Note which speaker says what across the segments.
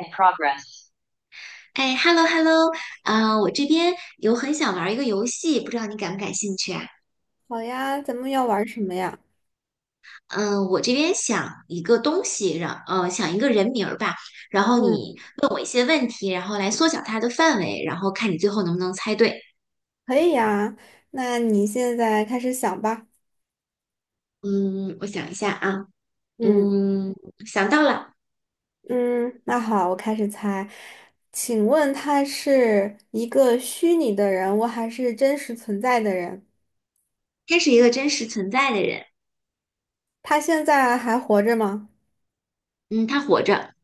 Speaker 1: in progress. 哎，hello hello，啊、我这边有很想玩一个游戏，不知道你感不感兴趣啊？
Speaker 2: 好呀，咱们要玩什么呀？
Speaker 1: 嗯、我这边想一个东西，让想一个人名儿吧，然后
Speaker 2: 嗯，
Speaker 1: 你问我一些问题，然后来缩小它的范围，然后看你最后能不能猜对。
Speaker 2: 可以呀。那你现在开始想吧。
Speaker 1: 嗯，我想一下啊，
Speaker 2: 嗯
Speaker 1: 嗯，想到了，
Speaker 2: 嗯，那好，我开始猜。请问他是一个虚拟的人物，还是真实存在的人？
Speaker 1: 她是一个真实存在的人，
Speaker 2: 他现在还活着吗？
Speaker 1: 嗯，她活着，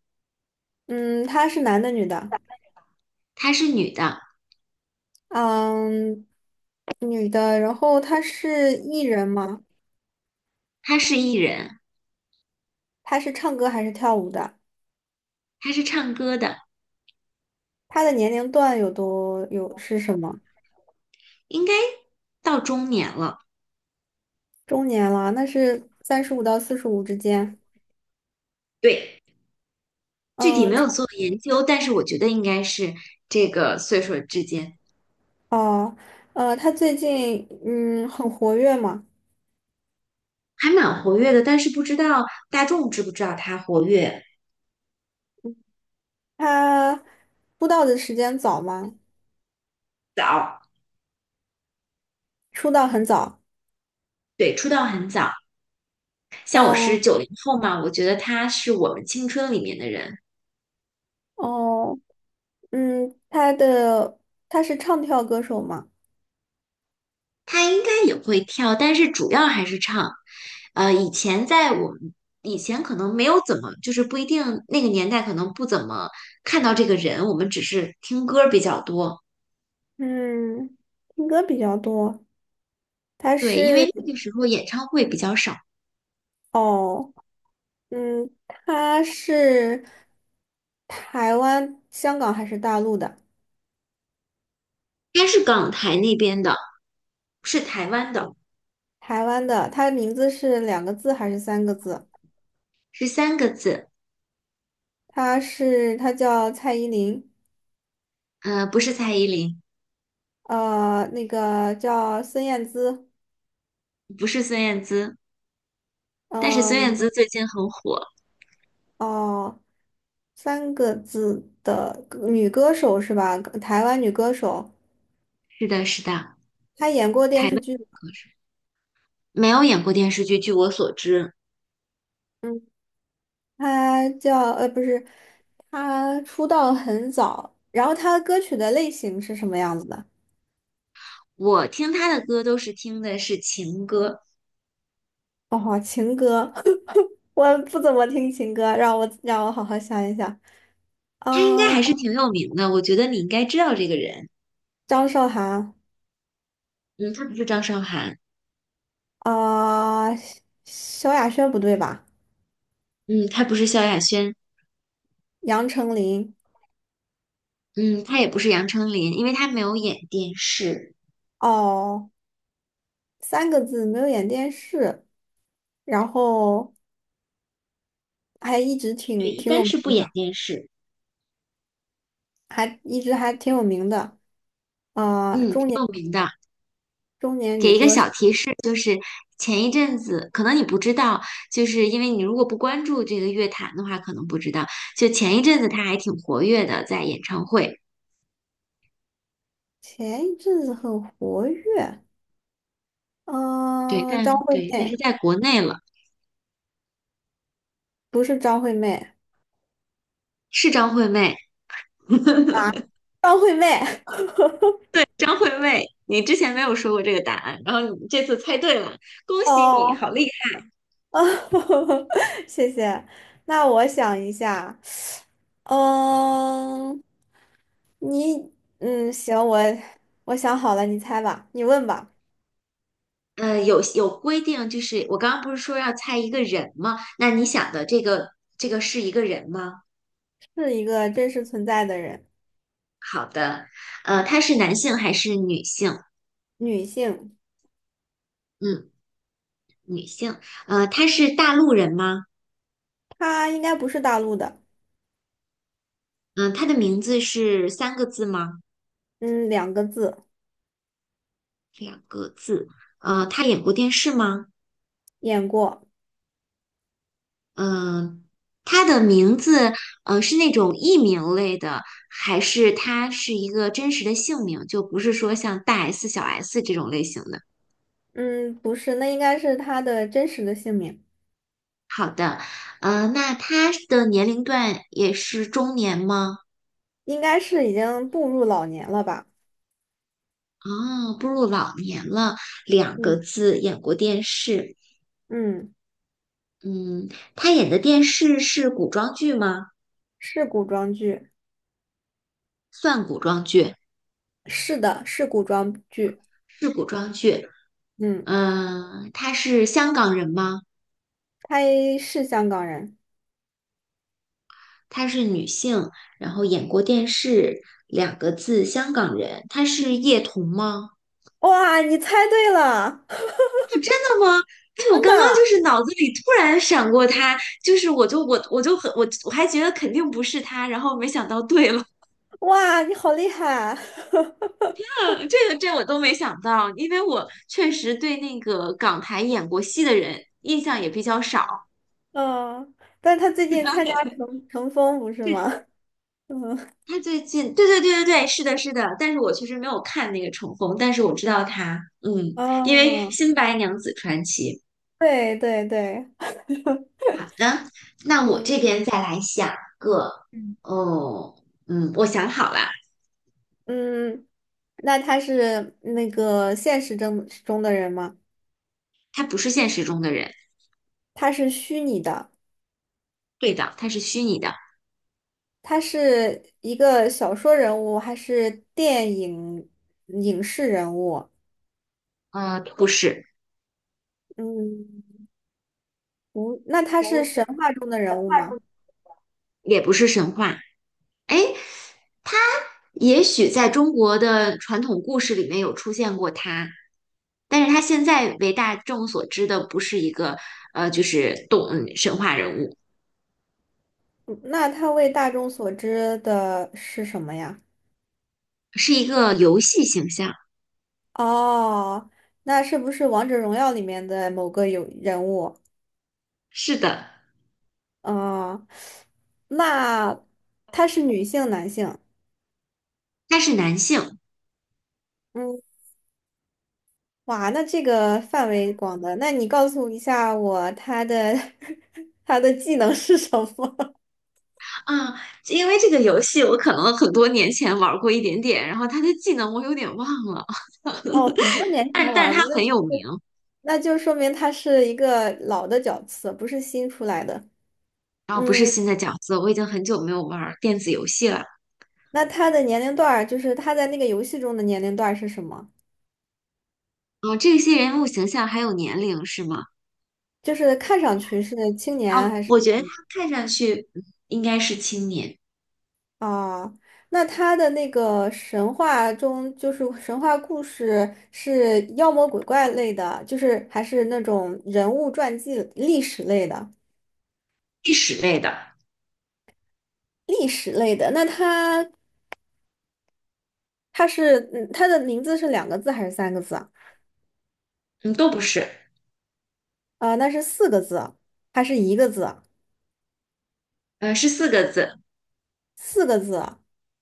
Speaker 2: 嗯，他是男的，女的？
Speaker 1: 她是女的，
Speaker 2: 嗯，女的。然后他是艺人吗？
Speaker 1: 她是艺人，
Speaker 2: 他是唱歌还是跳舞的？
Speaker 1: 她是唱歌的，
Speaker 2: 他的年龄段有是什么？
Speaker 1: 应该到中年了，
Speaker 2: 中年了，那是35到45之间。
Speaker 1: 对。具体没
Speaker 2: 嗯，
Speaker 1: 有做研究，但是我觉得应该是这个岁数之间
Speaker 2: 哦，他最近很活跃嘛，
Speaker 1: 还蛮活跃的，但是不知道大众知不知道他活跃
Speaker 2: 他出道的时间早吗？
Speaker 1: 早，
Speaker 2: 出道很早，
Speaker 1: 对，出道很早。像我是
Speaker 2: 嗯
Speaker 1: 90后嘛，我觉得他是我们青春里面的人，
Speaker 2: 哦，嗯，他是唱跳歌手嘛，
Speaker 1: 他应该也会跳，但是主要还是唱。以前在我们以前可能没有怎么，就是不一定那个年代可能不怎么看到这个人，我们只是听歌比较多。
Speaker 2: 嗯，听歌比较多，他
Speaker 1: 对，因
Speaker 2: 是
Speaker 1: 为那个时候演唱会比较少。
Speaker 2: 哦，嗯，他是台湾、香港还是大陆的？
Speaker 1: 他是港台那边的，是台湾的，
Speaker 2: 台湾的，他的名字是两个字还是三个字？
Speaker 1: 是三个字，
Speaker 2: 他叫蔡依林。
Speaker 1: 不是蔡依林，
Speaker 2: 那个叫孙燕姿，
Speaker 1: 不是孙燕姿，但是孙燕
Speaker 2: 嗯，
Speaker 1: 姿最近很火。
Speaker 2: 哦，三个字的女歌手是吧？台湾女歌手，
Speaker 1: 是的，是的，
Speaker 2: 她演过
Speaker 1: 台
Speaker 2: 电视
Speaker 1: 湾
Speaker 2: 剧，
Speaker 1: 歌手没有演过电视剧，据我所知，
Speaker 2: 嗯，不是，她出道很早，然后她的歌曲的类型是什么样子的？
Speaker 1: 我听他的歌都是听的是情歌，
Speaker 2: 哦，情歌，我不怎么听情歌，让我好好想一想，
Speaker 1: 他应该
Speaker 2: 啊、
Speaker 1: 还是挺有名的，我觉得你应该知道这个人。
Speaker 2: 张韶涵，
Speaker 1: 嗯，他不是张韶涵，
Speaker 2: 啊、萧亚轩不对吧？
Speaker 1: 嗯，他不是萧亚轩，
Speaker 2: 杨丞琳。
Speaker 1: 嗯，他也不是杨丞琳，因为他没有演电视，
Speaker 2: 哦，三个字没有演电视，然后还一直
Speaker 1: 对，
Speaker 2: 挺
Speaker 1: 一
Speaker 2: 挺
Speaker 1: 般
Speaker 2: 有名
Speaker 1: 是不演
Speaker 2: 的，
Speaker 1: 电视，
Speaker 2: 还一直还挺有名的。啊，
Speaker 1: 嗯，挺有名的。
Speaker 2: 中年女
Speaker 1: 给一个
Speaker 2: 歌手，
Speaker 1: 小提示，就是前一阵子，可能你不知道，就是因为你如果不关注这个乐坛的话，可能不知道。就前一阵子他还挺活跃的，在演唱会，
Speaker 2: 前一阵子很活跃。
Speaker 1: 对，
Speaker 2: 嗯，张惠
Speaker 1: 但
Speaker 2: 妹
Speaker 1: 是在国内了，
Speaker 2: 不是张惠妹
Speaker 1: 是张惠妹，
Speaker 2: 啊，张惠妹
Speaker 1: 张惠妹。你之前没有说过这个答案，然后你这次猜对了，恭 喜你，
Speaker 2: 哦，
Speaker 1: 好厉
Speaker 2: 谢谢。那我想一下，嗯，你嗯行，我想好了，你猜吧，你问吧。
Speaker 1: 害！有规定，就是我刚刚不是说要猜一个人吗？那你想的这个是一个人吗？
Speaker 2: 是一个真实存在的人，
Speaker 1: 好的，他是男性还是女性？
Speaker 2: 女性。
Speaker 1: 嗯。女性，她是大陆人吗？
Speaker 2: 他应该不是大陆的，
Speaker 1: 嗯、她的名字是三个字吗？
Speaker 2: 嗯，两个字，
Speaker 1: 两个字。她演过电视吗？
Speaker 2: 演过，
Speaker 1: 嗯、她的名字，是那种艺名类的，还是她是一个真实的姓名？就不是说像大 S、小 S 这种类型的。
Speaker 2: 嗯，不是，那应该是他的真实的姓名，
Speaker 1: 好的，那她的年龄段也是中年吗？
Speaker 2: 应该是已经步入老年了吧？
Speaker 1: 哦，步入老年了，两个
Speaker 2: 嗯
Speaker 1: 字，演过电视。
Speaker 2: 嗯，
Speaker 1: 嗯，他演的电视是古装剧吗？
Speaker 2: 是古装剧，
Speaker 1: 算古装剧，
Speaker 2: 是的，是古装剧，
Speaker 1: 是古装剧。
Speaker 2: 嗯，
Speaker 1: 嗯，她是香港人吗？
Speaker 2: 他是香港人，
Speaker 1: 她是女性，然后演过电视，两个字，香港人。她是叶童吗？
Speaker 2: 哇，你猜对了，
Speaker 1: 真的吗？哎，我
Speaker 2: 真的，
Speaker 1: 刚刚就是脑子里突然闪过她，就是我就很我还觉得肯定不是她，然后没想到对了。
Speaker 2: 哇，你好厉害，
Speaker 1: 这我都没想到，因为我确实对那个港台演过戏的人印象也比较少。
Speaker 2: 嗯，但他最近参加乘风不是吗？嗯，
Speaker 1: 他最近，对对对对对，是的，是的，但是我确实没有看那个《重逢》，但是我知道他，嗯，因为
Speaker 2: 哦，
Speaker 1: 《新白娘子传奇》。
Speaker 2: 对对对，
Speaker 1: 好的，那我
Speaker 2: 嗯。
Speaker 1: 这边再来想个，哦，嗯，我想好了，
Speaker 2: 嗯，那他是那个现实中的人吗？
Speaker 1: 他不是现实中的人，
Speaker 2: 他是虚拟的，
Speaker 1: 对的，他是虚拟的，
Speaker 2: 他是一个小说人物还是电影影视人物？
Speaker 1: 不是，
Speaker 2: 嗯，不，那他是神话中的人物吗？
Speaker 1: 也不是神话，哎，也许在中国的传统故事里面有出现过他，但是他现在为大众所知的不是一个，就是神话人物。
Speaker 2: 嗯那他为大众所知的是什么呀？
Speaker 1: 是一个游戏形象。
Speaker 2: 哦，那是不是王者荣耀里面的某个人物？
Speaker 1: 是的，
Speaker 2: 哦，那他是女性、男性？
Speaker 1: 他是男性
Speaker 2: 嗯。哇，那这个范围广的，那你告诉一下我他的 他的技能是什么？
Speaker 1: 啊，因为这个游戏我可能很多年前玩过一点点，然后他的技能我有点忘了，
Speaker 2: 哦，很多年前
Speaker 1: 但但
Speaker 2: 玩
Speaker 1: 是他
Speaker 2: 过
Speaker 1: 很
Speaker 2: 的，
Speaker 1: 有名。
Speaker 2: 那就说明他是一个老的角色，不是新出来的。
Speaker 1: 然后不是
Speaker 2: 嗯，
Speaker 1: 新的角色，我已经很久没有玩电子游戏了。
Speaker 2: 那他的年龄段儿，就是他在那个游戏中的年龄段儿是什么？
Speaker 1: 啊，这些人物形象还有年龄是吗？
Speaker 2: 就是看上去是青
Speaker 1: 啊，
Speaker 2: 年还是？
Speaker 1: 我觉得他看上去应该是青年，
Speaker 2: 啊，那他的那个神话中，就是神话故事是妖魔鬼怪类的，就是还是那种人物传记、历史类的，
Speaker 1: 历史类的，
Speaker 2: 历史类的。那他的名字是两个字还是三个字啊？
Speaker 1: 嗯，都不是，
Speaker 2: 啊，那是四个字还是一个字？
Speaker 1: 是四个字，
Speaker 2: 四个字，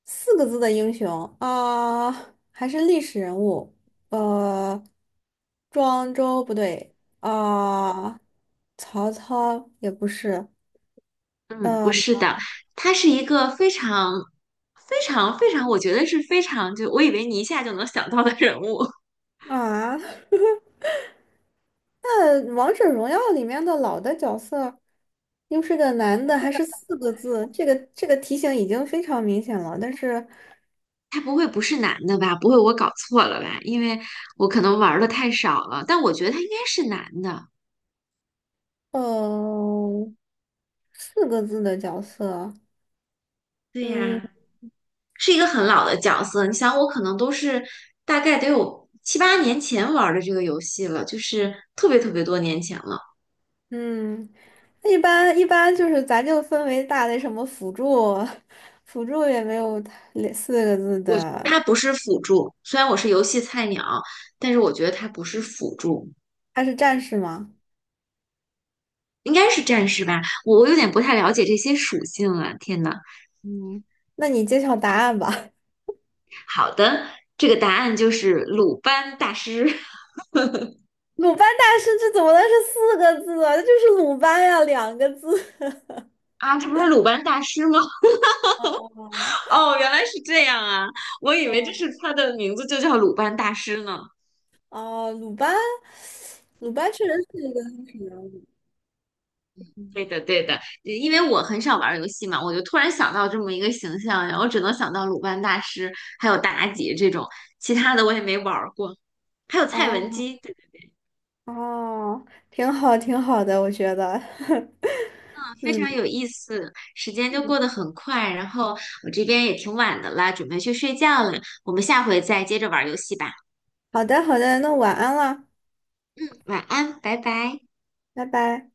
Speaker 2: 四个字的英雄啊，还是历史人物，呃，庄周不对啊，曹操也不是，
Speaker 1: 嗯，不
Speaker 2: 呃
Speaker 1: 是的，他是一个非常、非常、非常，我觉得是非常，就我以为你一下就能想到的人物。
Speaker 2: 啊，那王者荣耀里面的老的角色，又是个男的，还是四个字，这个题型已经非常明显了，但是，
Speaker 1: 他不会不是男的吧？不会我搞错了吧？因为我可能玩的太少了，但我觉得他应该是男的。
Speaker 2: 呃，四个字的角色。
Speaker 1: 对
Speaker 2: 嗯。
Speaker 1: 呀，是一个很老的角色。你想，我可能都是大概得有七八年前玩的这个游戏了，就是特别特别多年前了。
Speaker 2: 嗯，那一般就是咱就分为大类什么辅助，辅助也没有类四个字的，
Speaker 1: 它不是辅助，虽然我是游戏菜鸟，但是我觉得它不是辅助。
Speaker 2: 他是战士吗？
Speaker 1: 应该是战士吧？我有点不太了解这些属性啊，天呐，
Speaker 2: 嗯，那你揭晓答案吧。
Speaker 1: 好的，这个答案就是鲁班大师
Speaker 2: 鲁班大师这怎么能是四个字啊？这就是鲁班呀，两个字。
Speaker 1: 啊，这不是鲁班大师吗？
Speaker 2: 哦
Speaker 1: 哦，原来是这样啊，我以为这
Speaker 2: 哦
Speaker 1: 是他的名字就叫鲁班大师呢。
Speaker 2: 哦，鲁班，鲁班确实是一个历史人物。
Speaker 1: 对的，对的，因为我很少玩游戏嘛，我就突然想到这么一个形象，然后只能想到鲁班大师，还有妲己这种，其他的我也没玩过，还有蔡文
Speaker 2: 哦
Speaker 1: 姬，
Speaker 2: 哦，挺好挺好的，我觉得。
Speaker 1: 非
Speaker 2: 嗯，
Speaker 1: 常有意思，时间就过得很快，然后我这边也挺晚的啦，准备去睡觉了，我们下回再接着玩游戏吧。
Speaker 2: 好的好的，那晚安了，
Speaker 1: 嗯，晚安，拜拜。
Speaker 2: 拜拜。